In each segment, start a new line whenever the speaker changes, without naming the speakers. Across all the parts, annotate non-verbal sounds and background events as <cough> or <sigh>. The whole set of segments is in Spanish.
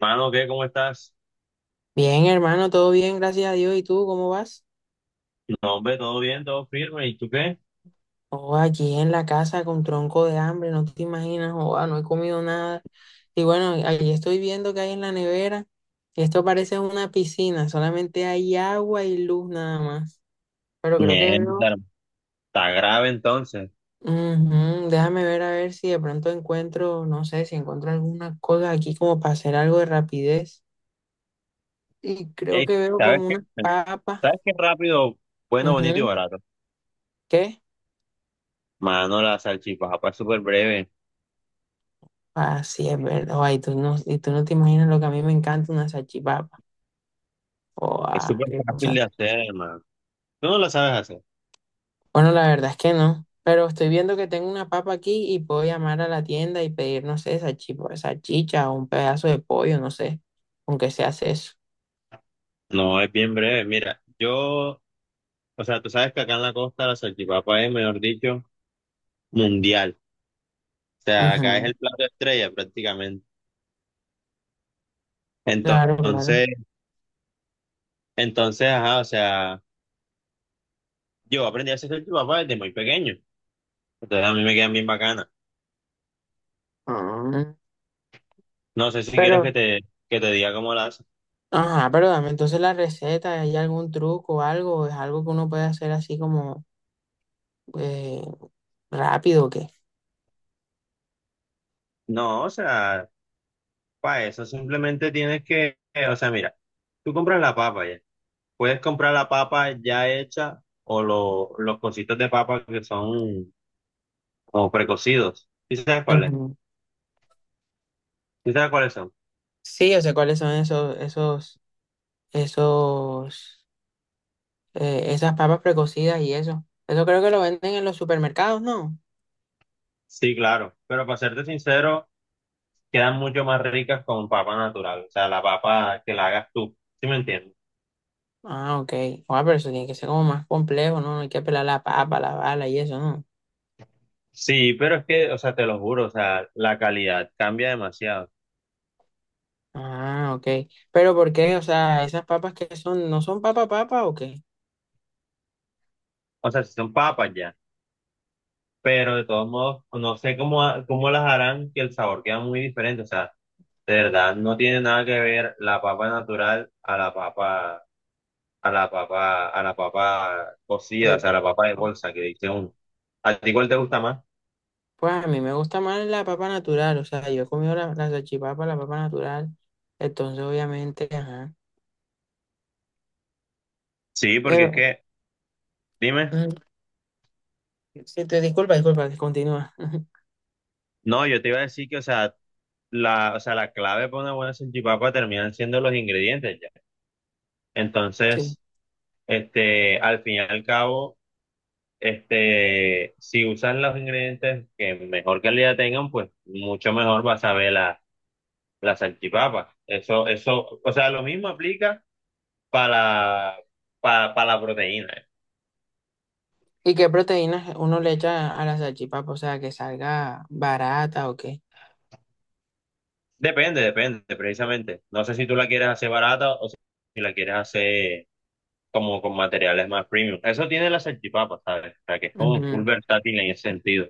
Mano, ¿qué? ¿Cómo estás?
Bien, hermano, todo bien, gracias a Dios. ¿Y tú cómo vas?
No, hombre, todo bien, todo firme. ¿Y tú qué?
Oh, aquí en la casa con tronco de hambre, no te imaginas. Oh, no he comido nada. Y bueno, ahí estoy viendo que hay en la nevera. Esto parece una piscina, solamente hay agua y luz nada más. Pero creo que veo.
Mierda, está grave entonces.
Ujú. Déjame ver a ver si de pronto encuentro, no sé, si encuentro alguna cosa aquí como para hacer algo de rapidez. Y creo
Ey,
que veo
¿sabes
como
qué?
unas papas.
¿Sabes qué rápido, bueno, bonito y
Ujú.
barato?
¿Qué?
Mano, la salchipapa es súper breve,
Así es, verdad. Ay, tú no te imaginas lo que a mí me encanta una salchipapa. O
es súper
qué
fácil de
cosa.
hacer, hermano. Tú no la sabes hacer.
Bueno, la verdad es que no. Pero estoy viendo que tengo una papa aquí y puedo llamar a la tienda y pedir, no sé, salchicha o un pedazo de pollo, no sé, aunque se hace eso.
No, es bien breve. Mira, yo, o sea, tú sabes que acá en la costa la salchipapa es, mejor dicho, mundial. O sea, acá es
Ujú.
el plato estrella prácticamente.
Claro, claro.
Entonces, entonces, ajá, o sea, yo aprendí a hacer salchipapa desde muy pequeño. Entonces a mí me quedan bien bacanas.
Ah,
No sé si quieres
pero,
que te diga cómo las.
ajá, pero dame entonces la receta. ¿Hay algún truco o algo? ¿Es algo que uno puede hacer así como eh, rápido o qué?
No, o sea, para eso simplemente tienes que, o sea, mira, tú compras la papa ya. Puedes comprar la papa ya hecha o los cositos de papa que son como precocidos. ¿Sí sabes cuáles?
Ujú.
¿Sí sabes cuáles son?
Sí, yo sé cuáles son esos, esos, esas papas precocidas y eso. Eso creo que lo venden en los supermercados, ¿no?
Sí, claro. Pero para serte sincero, quedan mucho más ricas con papa natural. O sea, la papa que la hagas tú. ¿Sí me entiendes?
Ah, ok. Ah, pero eso tiene que ser como más complejo, ¿no? Hay que pelar la papa, la bala y eso, ¿no?
Sí, pero es que, o sea, te lo juro, o sea, la calidad cambia demasiado.
Ah, ok. Pero ¿por qué? O sea, esas papas, que son, ¿no son papa papa o qué?
O sea, si son papas ya, pero de todos modos, no sé cómo, cómo las harán, que el sabor queda muy diferente. O sea, de verdad, no tiene nada que ver la papa natural a la papa cocida, o
Pero,
sea, a la papa de bolsa que dice uno. ¿A ti cuál te gusta más?
pues a mí me gusta más la papa natural. O sea, yo he comido la, la salchipapa, la papa natural, entonces obviamente, ajá.
Sí, porque es
Pero,
que, dime,
mm, sí, disculpa, disculpa, continúa. <laughs>
no, yo te iba a decir que, o sea, la clave para una buena salchipapa terminan siendo los ingredientes ya.
Sí.
Entonces, al fin y al cabo. Si usan los ingredientes que mejor calidad tengan, pues mucho mejor vas a ver la salchipapa. Eso, o sea, lo mismo aplica para, para la proteína.
¿Y qué proteínas uno le echa a la salchipapa? O sea, que salga barata o qué.
Depende, depende, precisamente. No sé si tú la quieres hacer barata o si la quieres hacer como con materiales más premium. Eso tiene la salchipapa, ¿sabes? O sea, que es como full
Ujú,
versátil en ese sentido.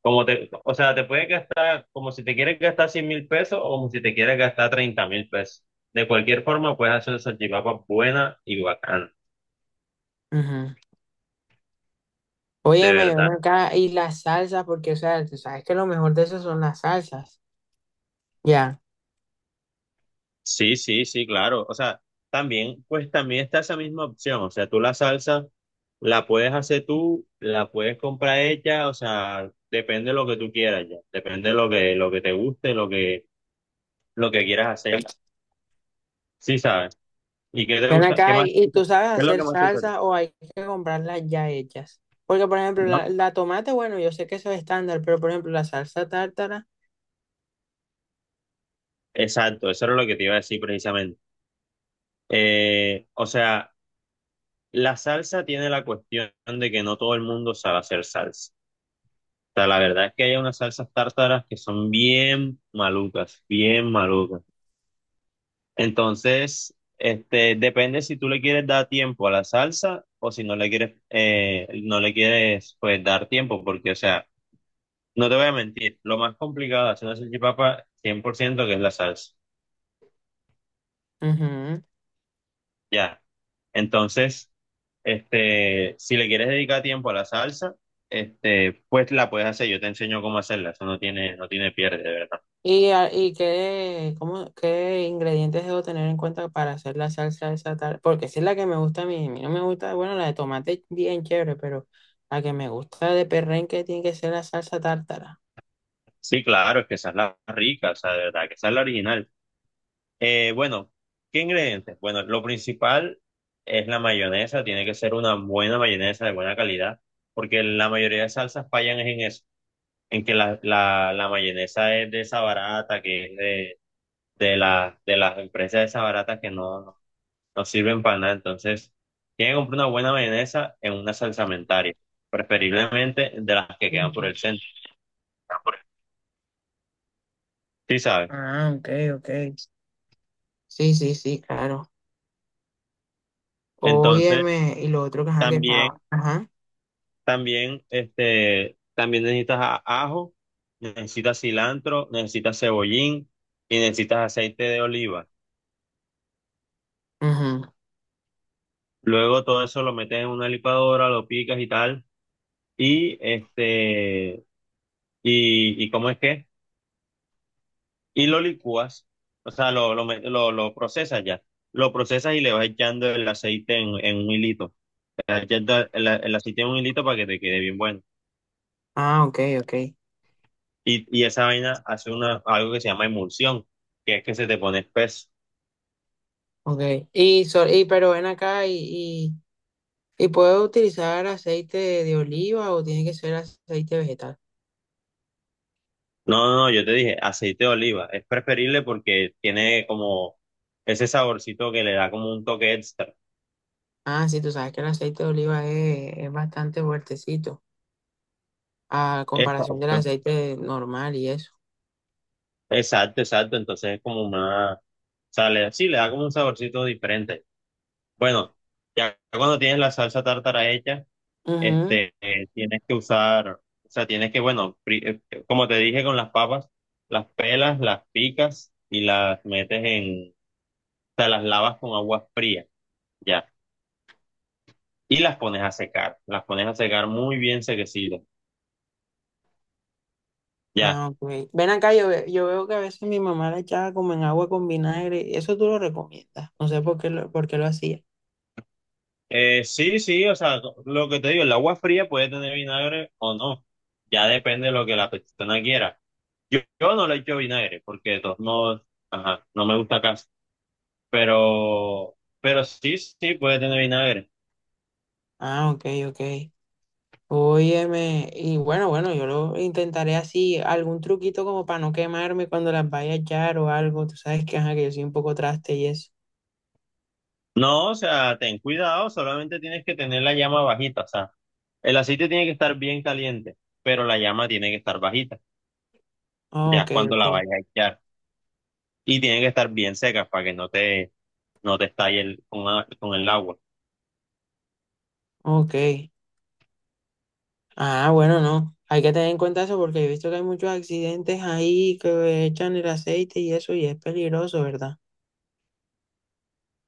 O sea, te puedes gastar como si te quieres gastar $100.000 o como si te quieres gastar $30.000. De cualquier forma, puedes hacer una salchipapa buena y bacana,
ujú.
de
Óyeme, ven
verdad.
acá, y las salsas, porque, o sea, tú sabes que lo mejor de eso son las salsas. Ya.
Sí, sí, sí, claro. O sea, también, pues también está esa misma opción. O sea, tú la salsa la puedes hacer tú, la puedes comprar hecha, o sea, depende de lo que tú quieras ya. Depende de lo que te guste, lo que quieras hacer. Sí, ¿sabes? ¿Y qué te
Ven
gusta? ¿Qué
acá,
más?
y, ¿y
¿Qué
tú sabes
es lo que
hacer
más te gusta?
salsa o hay que comprarlas ya hechas? Porque, por ejemplo, la tomate, bueno, yo sé que eso es estándar, pero, por ejemplo, la salsa tártara.
Exacto, eso era lo que te iba a decir precisamente. O sea, la salsa tiene la cuestión de que no todo el mundo sabe hacer salsa. O sea, la verdad es que hay unas salsas tártaras que son bien malucas, bien malucas. Entonces, depende si tú le quieres dar tiempo a la salsa o si no le quieres, pues, dar tiempo, porque, o sea, no te voy a mentir, lo más complicado de hacer una salchipapa, 100%, que es la salsa.
Ujú.
Ya. Entonces. Si le quieres dedicar tiempo a la salsa, pues la puedes hacer. Yo te enseño cómo hacerla. Eso no tiene pierde, de verdad.
¿Y, y qué, cómo, qué ingredientes debo tener en cuenta para hacer la salsa esa, tal? Porque esa es la que me gusta a mí. A mí no me gusta, bueno, la de tomate bien chévere, pero la que me gusta de perrenque tiene que ser la salsa tártara.
Sí, claro, es que esa es la rica, o sea, de verdad, que esa es la original. Bueno, ¿qué ingredientes? Bueno, lo principal es la mayonesa. Tiene que ser una buena mayonesa de buena calidad, porque la mayoría de salsas fallan es en eso, en que la mayonesa es de esa barata, que es de las empresas de esa barata que no sirven para nada. Entonces, tienen que comprar una buena mayonesa en una salsamentaria, preferiblemente de las que quedan por
Ujú.
el centro, ¿sí sabes?
Ah, ok, ok. Sí, sí, sí, claro.
Entonces,
Óyeme, y lo otro que ajá, que
también,
estaba. Ajá.
también necesitas ajo, necesitas cilantro, necesitas cebollín y necesitas aceite de oliva.
Ujú.
Luego todo eso lo metes en una licuadora, lo picas y tal. Y este, ¿y cómo es que? Y lo licúas, o sea, lo procesas ya. Lo procesas y le vas echando el aceite en, un hilito. O sea, echando el aceite en un hilito para que te quede bien bueno.
Ah, ok, ok.
Y esa vaina hace algo que se llama emulsión, que es que se te pone espeso.
Ok. Pero ven acá, y ¿puedo utilizar aceite de oliva o tiene que ser aceite vegetal?
No, no, no, yo te dije aceite de oliva. Es preferible porque tiene como ese saborcito que le da como un toque extra.
Ah, sí, tú sabes que el aceite de oliva es bastante fuertecito a comparación del
Exacto.
aceite normal y eso.
Exacto, exacto. Entonces es como una, o sea, sí, le da como un saborcito diferente. Bueno, ya cuando tienes la salsa tártara hecha,
Ujú.
tienes que usar, o sea, tienes que, bueno, como te dije con las papas, las pelas, las picas y las metes o sea, las lavas con agua fría, ya, y las pones a secar, las pones a secar muy bien sequecidas, ya.
Ah, ok. Ven acá, yo veo que a veces mi mamá la echaba como en agua con vinagre. ¿Eso tú lo recomiendas? No sé por qué lo hacía.
Sí, sí, o sea, lo que te digo, el agua fría puede tener vinagre o no, ya depende de lo que la persona quiera. Yo no le echo vinagre, porque de todos modos, ajá, no me gusta casi. Pero sí, sí, puede tener vinagre.
Ah, ok, ok. Óyeme, y bueno, bueno, yo lo intentaré así, algún truquito como para no quemarme cuando las vaya a echar o algo. Tú sabes que, ajá, que yo soy un poco traste y eso.
No, o sea, ten cuidado, solamente tienes que tener la llama bajita, o sea, el aceite tiene que estar bien caliente, pero la llama tiene que estar bajita,
Ah,
ya es
ok,
cuando la
ok,
vayas a echar. Y tiene que estar bien seca para que no te estalle con el agua.
ok. Ah, bueno, no. Hay que tener en cuenta eso porque he visto que hay muchos accidentes ahí que echan el aceite y eso y es peligroso, ¿verdad?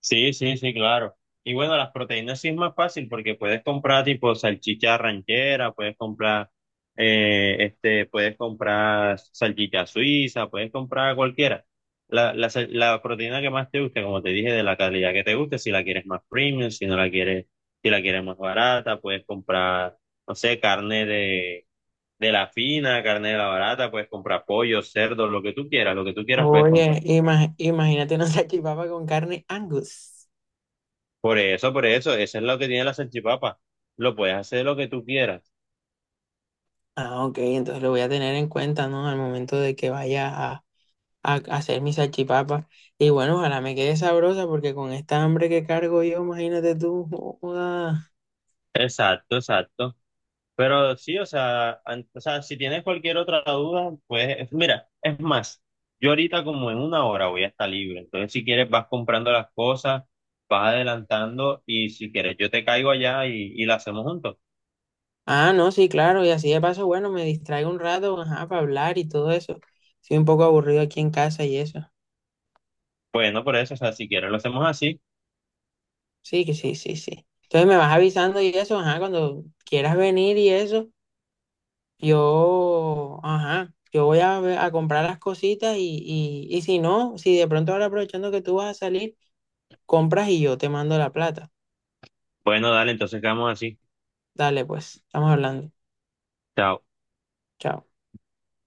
Sí, sí, sí, claro. Y bueno, las proteínas sí es más fácil porque puedes comprar tipo salchicha ranchera, puedes comprar salchicha suiza, puedes comprar cualquiera. La proteína que más te guste, como te dije, de la calidad que te guste, si la quieres más premium, si no la quieres, si la quieres más barata, puedes comprar, no sé, carne de la fina, carne de la barata, puedes comprar pollo, cerdo, lo que tú quieras, lo que tú quieras puedes
Oye,
comprar.
imagínate una <laughs> salchipapa con carne Angus.
Por eso, eso es lo que tiene la salchipapa. Lo puedes hacer lo que tú quieras.
Ah, ok, entonces lo voy a tener en cuenta, ¿no? Al momento de que vaya a hacer mi salchipapa. Y bueno, ojalá me quede sabrosa porque con esta hambre que cargo yo, imagínate tú. Joda.
Exacto, exacto. Pero sí, o sea, si tienes cualquier otra duda, pues mira, es más, yo ahorita como en una hora voy a estar libre. Entonces, si quieres, vas comprando las cosas, vas adelantando y si quieres, yo te caigo allá y la hacemos juntos.
Ah, no, sí, claro. Y así de paso, bueno, me distraigo un rato, ajá, para hablar y todo eso. Estoy un poco aburrido aquí en casa y eso.
Bueno, por eso, o sea, si quieres, lo hacemos así.
Sí, que sí, sí, sí. Entonces me vas avisando y eso, ajá, cuando quieras venir y eso, yo, ajá, yo voy a, a comprar las cositas y si no, si de pronto ahora aprovechando que tú vas a salir, compras y yo te mando la plata.
Bueno, dale, entonces quedamos así.
Dale, pues, estamos hablando.
Chao.
Chao.